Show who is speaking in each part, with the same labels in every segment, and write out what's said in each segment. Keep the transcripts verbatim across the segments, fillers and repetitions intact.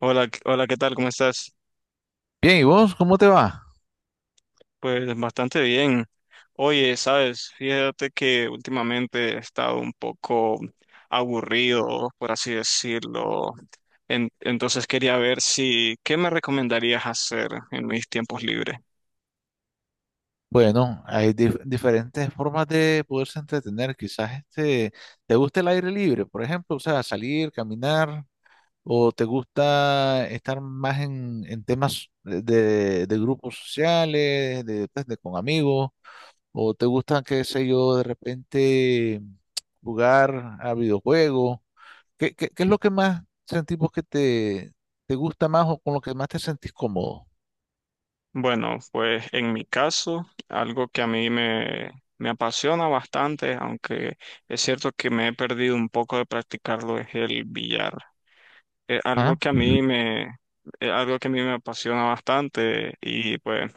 Speaker 1: Hola, ¿qué- hola, ¿qué tal? ¿Cómo estás?
Speaker 2: Bien, ¿y vos cómo te va?
Speaker 1: Pues bastante bien. Oye, sabes, fíjate que últimamente he estado un poco aburrido, por así decirlo. En- entonces quería ver, si, ¿qué me recomendarías hacer en mis tiempos libres?
Speaker 2: Bueno, hay dif- diferentes formas de poderse entretener. Quizás este, te gusta el aire libre, por ejemplo, o sea, salir, caminar, o te gusta estar más en, en temas de, de- de grupos sociales, de, pues, de con amigos, o te gusta, qué sé yo, de repente jugar a videojuegos. ¿Qué, qué, qué es lo que más sentimos que te, te gusta más o con lo que más te sentís cómodo?
Speaker 1: Bueno, pues en mi caso, algo que a mí me, me apasiona bastante, aunque es cierto que me he perdido un poco de practicarlo, es el billar. Es algo
Speaker 2: ¿Ah?
Speaker 1: que a mí me, es algo que a mí me apasiona bastante y pues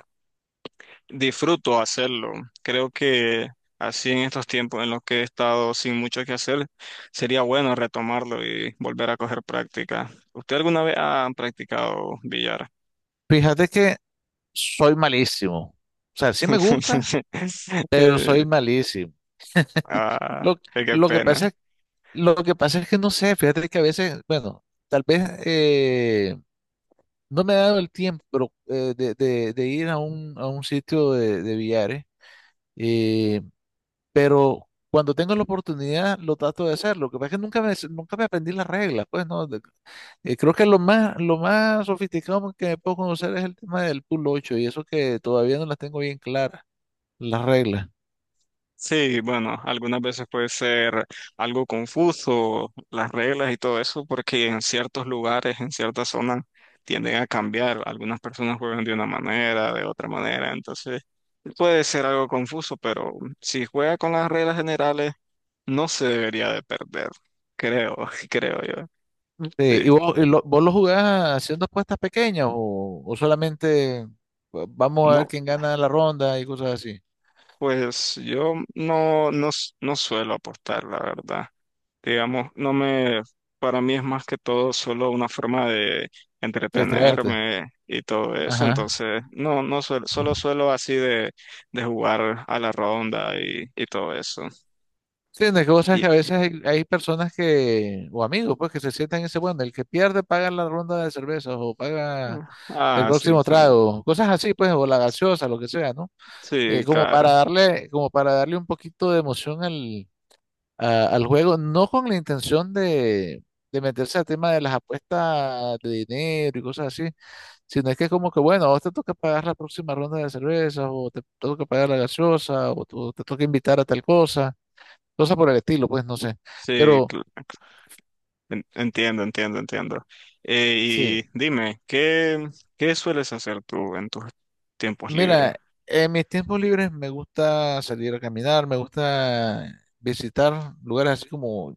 Speaker 1: disfruto hacerlo. Creo que así, en estos tiempos en los que he estado sin mucho que hacer, sería bueno retomarlo y volver a coger práctica. ¿Usted alguna vez ha practicado billar?
Speaker 2: Fíjate que soy malísimo. O sea, sí me gusta, pero
Speaker 1: Eh,
Speaker 2: soy malísimo.
Speaker 1: ah,
Speaker 2: Lo,
Speaker 1: qué
Speaker 2: lo que
Speaker 1: pena.
Speaker 2: pasa es, lo que pasa es que no sé, fíjate que a veces, bueno, tal vez eh, no me ha dado el tiempo pero, eh, de, de- de ir a un, a un sitio de, de billares, eh, pero cuando tengo la oportunidad lo trato de hacer. Lo que pasa es que nunca me, nunca me aprendí las reglas, pues, ¿no? De- eh, creo que lo más, lo más sofisticado que me puedo conocer es el tema del pool ocho, y eso que todavía no las tengo bien claras, las reglas.
Speaker 1: Sí, bueno, algunas veces puede ser algo confuso las reglas y todo eso, porque en ciertos lugares, en ciertas zonas, tienden a cambiar. Algunas personas juegan de una manera, de otra manera, entonces puede ser algo confuso, pero si juega con las reglas generales, no se debería de perder, creo, creo yo.
Speaker 2: Sí,
Speaker 1: Sí,
Speaker 2: ¿y vos, y lo- vos lo jugás haciendo apuestas pequeñas, o, o solamente pues, vamos a ver
Speaker 1: no,
Speaker 2: quién gana la ronda y cosas así?
Speaker 1: pues yo no, no, s- no suelo apostar, la verdad. Digamos, no me, para mí es más que todo solo una forma de
Speaker 2: Para distraerte.
Speaker 1: entretenerme y todo eso,
Speaker 2: Ajá.
Speaker 1: entonces no, no suelo, solo suelo así de, de jugar a la ronda y, y todo eso.
Speaker 2: Sí, no, es que vos sabes
Speaker 1: Y,
Speaker 2: que a veces hay, hay personas que, o amigos, pues, que se sientan en ese, bueno, el que pierde paga la ronda de cervezas o paga el
Speaker 1: ah, sí,
Speaker 2: próximo
Speaker 1: también.
Speaker 2: trago, cosas así, pues, o la gaseosa, lo que sea, ¿no?
Speaker 1: Sí,
Speaker 2: Eh, como para
Speaker 1: claro.
Speaker 2: darle, como para darle un poquito de emoción al, a- al juego, no con la intención de, de meterse al tema de las apuestas de dinero y cosas así, sino es que como que, bueno, a vos te toca pagar la próxima ronda de cerveza, o te toca pagar la gaseosa, o tú- te toca invitar a tal cosa, cosas por el estilo, pues no sé.
Speaker 1: Sí,
Speaker 2: Pero
Speaker 1: cl- en- entiendo, entiendo, entiendo. Eh,
Speaker 2: sí,
Speaker 1: y dime, ¿qué, qué sueles hacer tú en tus tiempos libres?
Speaker 2: mira, en mis tiempos libres me gusta salir a caminar, me gusta visitar lugares así como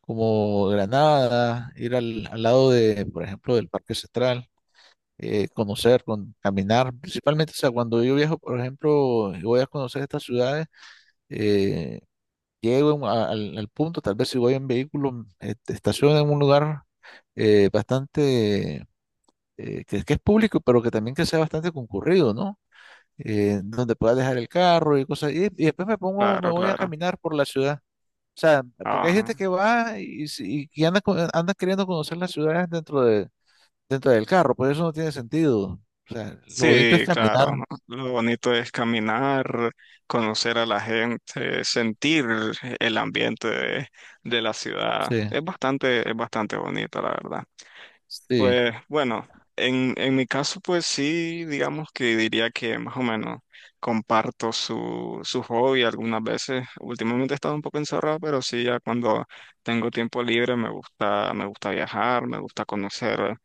Speaker 2: como Granada, ir al, al lado de, por ejemplo, del Parque Central. eh, conocer, con, caminar, principalmente, o sea, cuando yo viajo, por ejemplo, y voy a conocer estas ciudades, eh, llego a- al, al punto, tal vez si voy en vehículo, mm, este, estaciono en un lugar eh, bastante, eh, que, que es público, pero que también que sea bastante concurrido, ¿no? Eh, donde pueda dejar el carro y cosas, y, y después me pongo, me
Speaker 1: Claro,
Speaker 2: voy a
Speaker 1: claro.
Speaker 2: caminar por la ciudad. O sea, porque hay gente
Speaker 1: Ah.
Speaker 2: que va y, si- y que anda, con- anda queriendo conocer las ciudades dentro de dentro del carro, pues eso no tiene sentido. O sea, lo bonito es
Speaker 1: Sí, claro,
Speaker 2: caminar.
Speaker 1: ¿no? Lo bonito es caminar, conocer a la gente, sentir el ambiente de, de la ciudad.
Speaker 2: Sí,
Speaker 1: Es bastante, es bastante bonito, la verdad.
Speaker 2: sí.
Speaker 1: Pues bueno, en, en mi caso, pues sí, digamos que diría que más o menos comparto su, su hobby algunas veces. Últimamente he estado un poco encerrado, pero sí, ya cuando tengo tiempo libre me gusta, me gusta viajar, me gusta conocer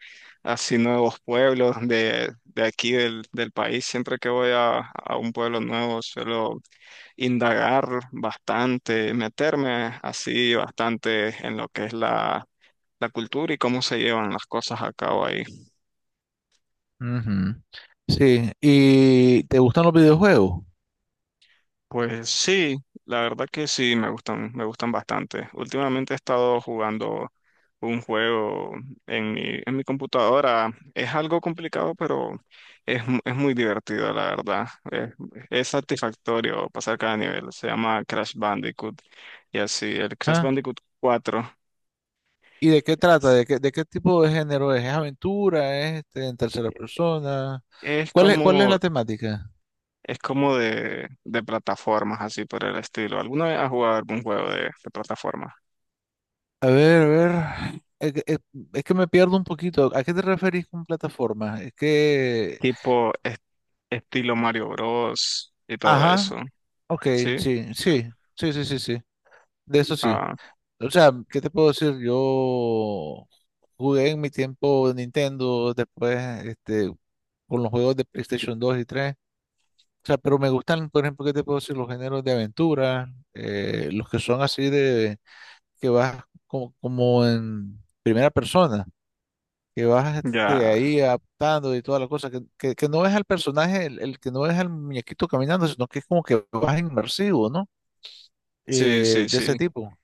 Speaker 1: así nuevos pueblos de, de aquí del, del país. Siempre que voy a, a un pueblo nuevo suelo indagar bastante, meterme así bastante en lo que es la cultura y cómo se llevan las cosas a cabo ahí.
Speaker 2: Ujú. Sí, ¿y te gustan los videojuegos?
Speaker 1: Pues sí, la verdad que sí, me gustan, me gustan bastante. Últimamente he estado jugando un juego en mi, en mi computadora. Es algo complicado, pero es, mu- es muy divertido, la verdad. Es, es satisfactorio pasar cada nivel. Se llama Crash Bandicoot y así, el Crash
Speaker 2: ¿Ah?
Speaker 1: Bandicoot cuatro.
Speaker 2: ¿Y de qué trata? ¿De qué, de qué tipo de género es? ¿Es aventura? ¿Es este, en tercera persona?
Speaker 1: Es
Speaker 2: ¿Cuál es, cuál es
Speaker 1: como,
Speaker 2: la temática?
Speaker 1: es como de, de plataformas, así por el estilo. ¿Alguna vez has jugado algún juego de, de plataformas?
Speaker 2: A ver, a ver. Es que, es- es que me pierdo un poquito. ¿A qué te referís con plataforma? Es que
Speaker 1: Tipo est- estilo Mario Bros. Y todo eso,
Speaker 2: Ajá, ok,
Speaker 1: ¿sí?
Speaker 2: sí, sí, sí, sí, sí, sí. De eso sí.
Speaker 1: Ah,
Speaker 2: O sea, ¿qué te puedo decir? Yo jugué en mi tiempo Nintendo, después este, con los juegos de PlayStation dos y tres. O sea, pero me gustan, por ejemplo, ¿qué te puedo decir? Los géneros de aventura, eh, los que son así de que vas como, como en primera persona, que vas este,
Speaker 1: ya,
Speaker 2: ahí adaptando y toda la cosa, que, que, que no es al personaje, el, el que no es al muñequito caminando, sino que es como que vas inmersivo, ¿no?
Speaker 1: sí,
Speaker 2: Eh,
Speaker 1: sí,
Speaker 2: de ese
Speaker 1: sí,
Speaker 2: tipo.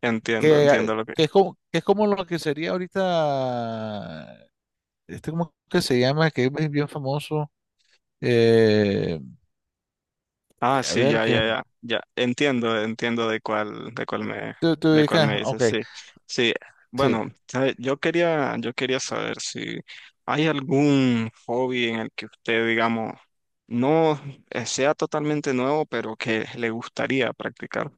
Speaker 1: entiendo,
Speaker 2: que,
Speaker 1: entiendo lo que...
Speaker 2: que es como, que es como lo que sería ahorita, este como que se llama, que es bien famoso, eh,
Speaker 1: Ah,
Speaker 2: a
Speaker 1: sí,
Speaker 2: ver,
Speaker 1: ya,
Speaker 2: que
Speaker 1: ya, ya, ya, entiendo, entiendo de cuál, de cuál me,
Speaker 2: tú, tú
Speaker 1: de cuál
Speaker 2: dices,
Speaker 1: me dices,
Speaker 2: ok,
Speaker 1: sí, sí,
Speaker 2: sí,
Speaker 1: bueno, ¿sabe? Yo quería, yo quería saber si hay algún hobby en el que usted, digamos, no eh, sea totalmente nuevo, pero que le gustaría practicar.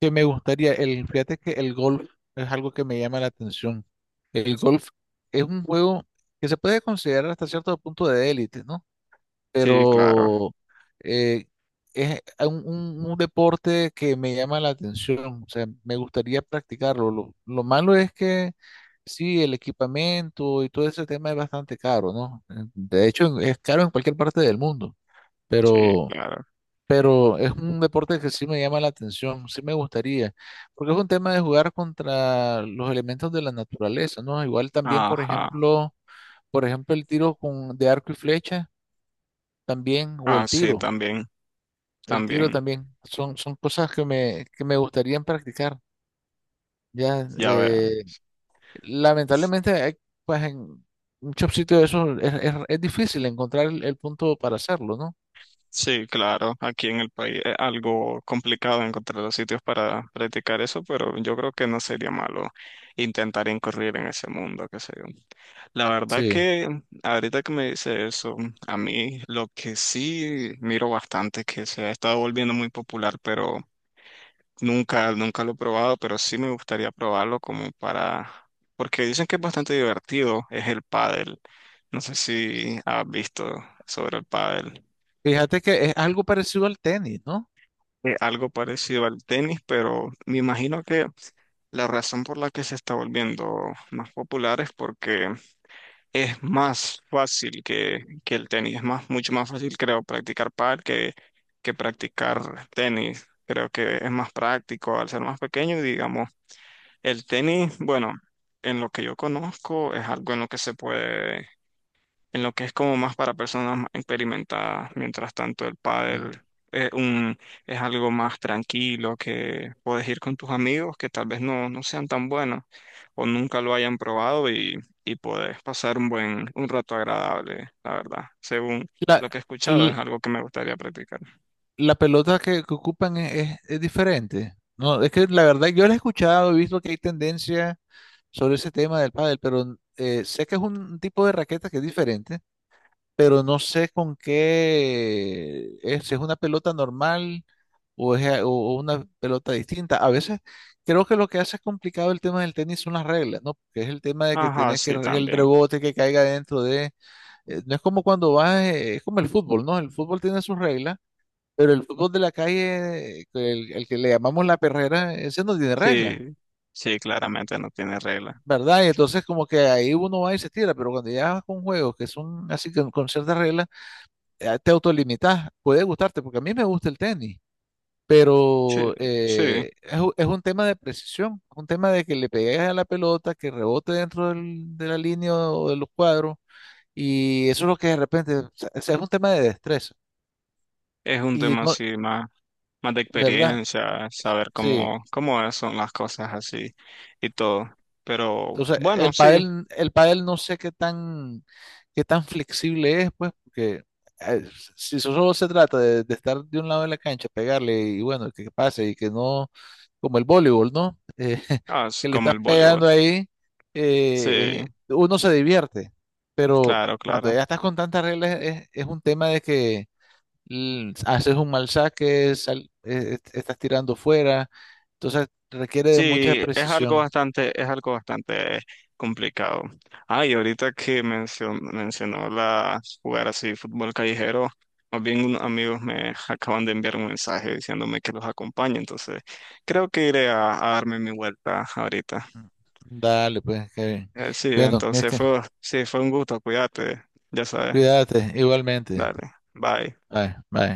Speaker 2: que me gustaría, el, fíjate que el golf es algo que me llama la atención. El golf es un juego que se puede considerar hasta cierto punto de élite, ¿no?
Speaker 1: Sí, claro,
Speaker 2: Pero eh, es un, un- un deporte que me llama la atención, o sea, me gustaría practicarlo. Lo, lo malo es que sí, el equipamiento y todo ese tema es bastante caro, ¿no? Eh, de hecho, es caro en cualquier parte del mundo,
Speaker 1: sí,
Speaker 2: pero,
Speaker 1: claro.
Speaker 2: pero es un deporte que sí me llama la atención, sí me gustaría, porque es un tema de jugar contra los elementos de la naturaleza, ¿no? Igual también, por
Speaker 1: Ajá,
Speaker 2: ejemplo, por ejemplo, el tiro con, de arco y flecha también, o
Speaker 1: ah,
Speaker 2: el
Speaker 1: sí,
Speaker 2: tiro.
Speaker 1: también.
Speaker 2: El tiro
Speaker 1: También,
Speaker 2: también. Son, son cosas que me, que me gustarían practicar. Ya,
Speaker 1: ya vea.
Speaker 2: eh, lamentablemente, hay, pues en muchos sitios de esos es, es- es difícil encontrar el, el punto para hacerlo, ¿no?
Speaker 1: Sí, claro, aquí en el país es algo complicado encontrar los sitios para practicar eso, pero yo creo que no sería malo intentar incurrir en ese mundo, qué sé yo. La verdad
Speaker 2: Sí.
Speaker 1: que ahorita que me dice eso, a mí lo que sí miro bastante es que se ha estado volviendo muy popular, pero nunca, nunca lo he probado, pero sí me gustaría probarlo, como para, porque dicen que es bastante divertido, es el pádel. No sé si has visto sobre el pádel.
Speaker 2: Fíjate que es algo parecido al tenis, ¿no?
Speaker 1: Es algo parecido al tenis, pero me imagino que la razón por la que se está volviendo más popular es porque es más fácil que, que el tenis. Es más, mucho más fácil, creo, practicar pádel que, que practicar tenis. Creo que es más práctico al ser más pequeño, y digamos. El tenis, bueno, en lo que yo conozco es algo en lo que se puede, en lo que es como más para personas más experimentadas, mientras tanto el pádel
Speaker 2: Mm.
Speaker 1: es un, es algo más tranquilo que puedes ir con tus amigos que tal vez no, no sean tan buenos o nunca lo hayan probado y, y puedes pasar un buen, un rato agradable, la verdad. Según
Speaker 2: La,
Speaker 1: lo que he escuchado, es
Speaker 2: l-
Speaker 1: algo que me gustaría practicar.
Speaker 2: la pelota que, que ocupan es, es- es diferente. No, es que la verdad yo la he escuchado, he visto que hay tendencia sobre ese tema del pádel, pero eh, sé que es un tipo de raqueta que es diferente, pero no sé con qué es, si es una pelota normal o es a- o- o una pelota distinta. A veces creo que lo que hace complicado el tema del tenis son las reglas, ¿no? Porque es el tema de que
Speaker 1: Ajá,
Speaker 2: tenés que
Speaker 1: sí,
Speaker 2: re- el
Speaker 1: también.
Speaker 2: rebote que caiga dentro de, eh, no es como cuando vas, eh, es como el fútbol, ¿no? El fútbol tiene sus reglas, pero el fútbol de la calle, eh, el, el que le llamamos la perrera, ese no tiene reglas.
Speaker 1: Sí, sí, claramente no tiene regla.
Speaker 2: ¿Verdad? Y entonces como que ahí uno va y se tira, pero cuando ya vas con juegos que son así con, con ciertas reglas, eh, te autolimitas, puede gustarte, porque a mí me gusta el tenis,
Speaker 1: Sí,
Speaker 2: pero
Speaker 1: sí,
Speaker 2: eh, es, u- es un tema de precisión, un tema de que le pegues a la pelota, que rebote dentro del- de la línea o de los cuadros, y eso es lo que de repente, o sea, es un tema de destreza,
Speaker 1: es un
Speaker 2: y
Speaker 1: tema
Speaker 2: no,
Speaker 1: así más, más de
Speaker 2: ¿verdad?
Speaker 1: experiencia, saber
Speaker 2: Sí.
Speaker 1: cómo, cómo es- son las cosas así y todo. Pero
Speaker 2: Entonces,
Speaker 1: bueno,
Speaker 2: el
Speaker 1: sí,
Speaker 2: pádel, el pádel no sé qué tan, qué tan flexible es, pues, porque eh, si eso solo se trata de, de estar de un lado de la cancha, pegarle y bueno, que pase y que no, como el voleibol, ¿no? Eh,
Speaker 1: ah, es
Speaker 2: que le
Speaker 1: como
Speaker 2: estás
Speaker 1: el voleibol.
Speaker 2: pegando ahí, eh,
Speaker 1: Sí,
Speaker 2: eh, uno se divierte, pero
Speaker 1: claro,
Speaker 2: cuando
Speaker 1: claro.
Speaker 2: ya estás con tantas reglas es, es un tema de que l- haces un mal saque, sal- eh, estás tirando fuera, entonces requiere de mucha
Speaker 1: Sí, es algo
Speaker 2: precisión.
Speaker 1: bastante, es algo bastante complicado. Ah, y ahorita que mencio- mencionó la jugar así fútbol callejero, más bien unos amigos me acaban de enviar un mensaje diciéndome que los acompañe, entonces creo que iré a, a darme mi vuelta ahorita.
Speaker 2: Dale, pues, Kevin.
Speaker 1: Eh, sí,
Speaker 2: Bueno, es
Speaker 1: entonces
Speaker 2: que
Speaker 1: fue, sí, fue un gusto, cuídate, ya sabes,
Speaker 2: cuídate igualmente.
Speaker 1: dale, bye.
Speaker 2: Bye, bye.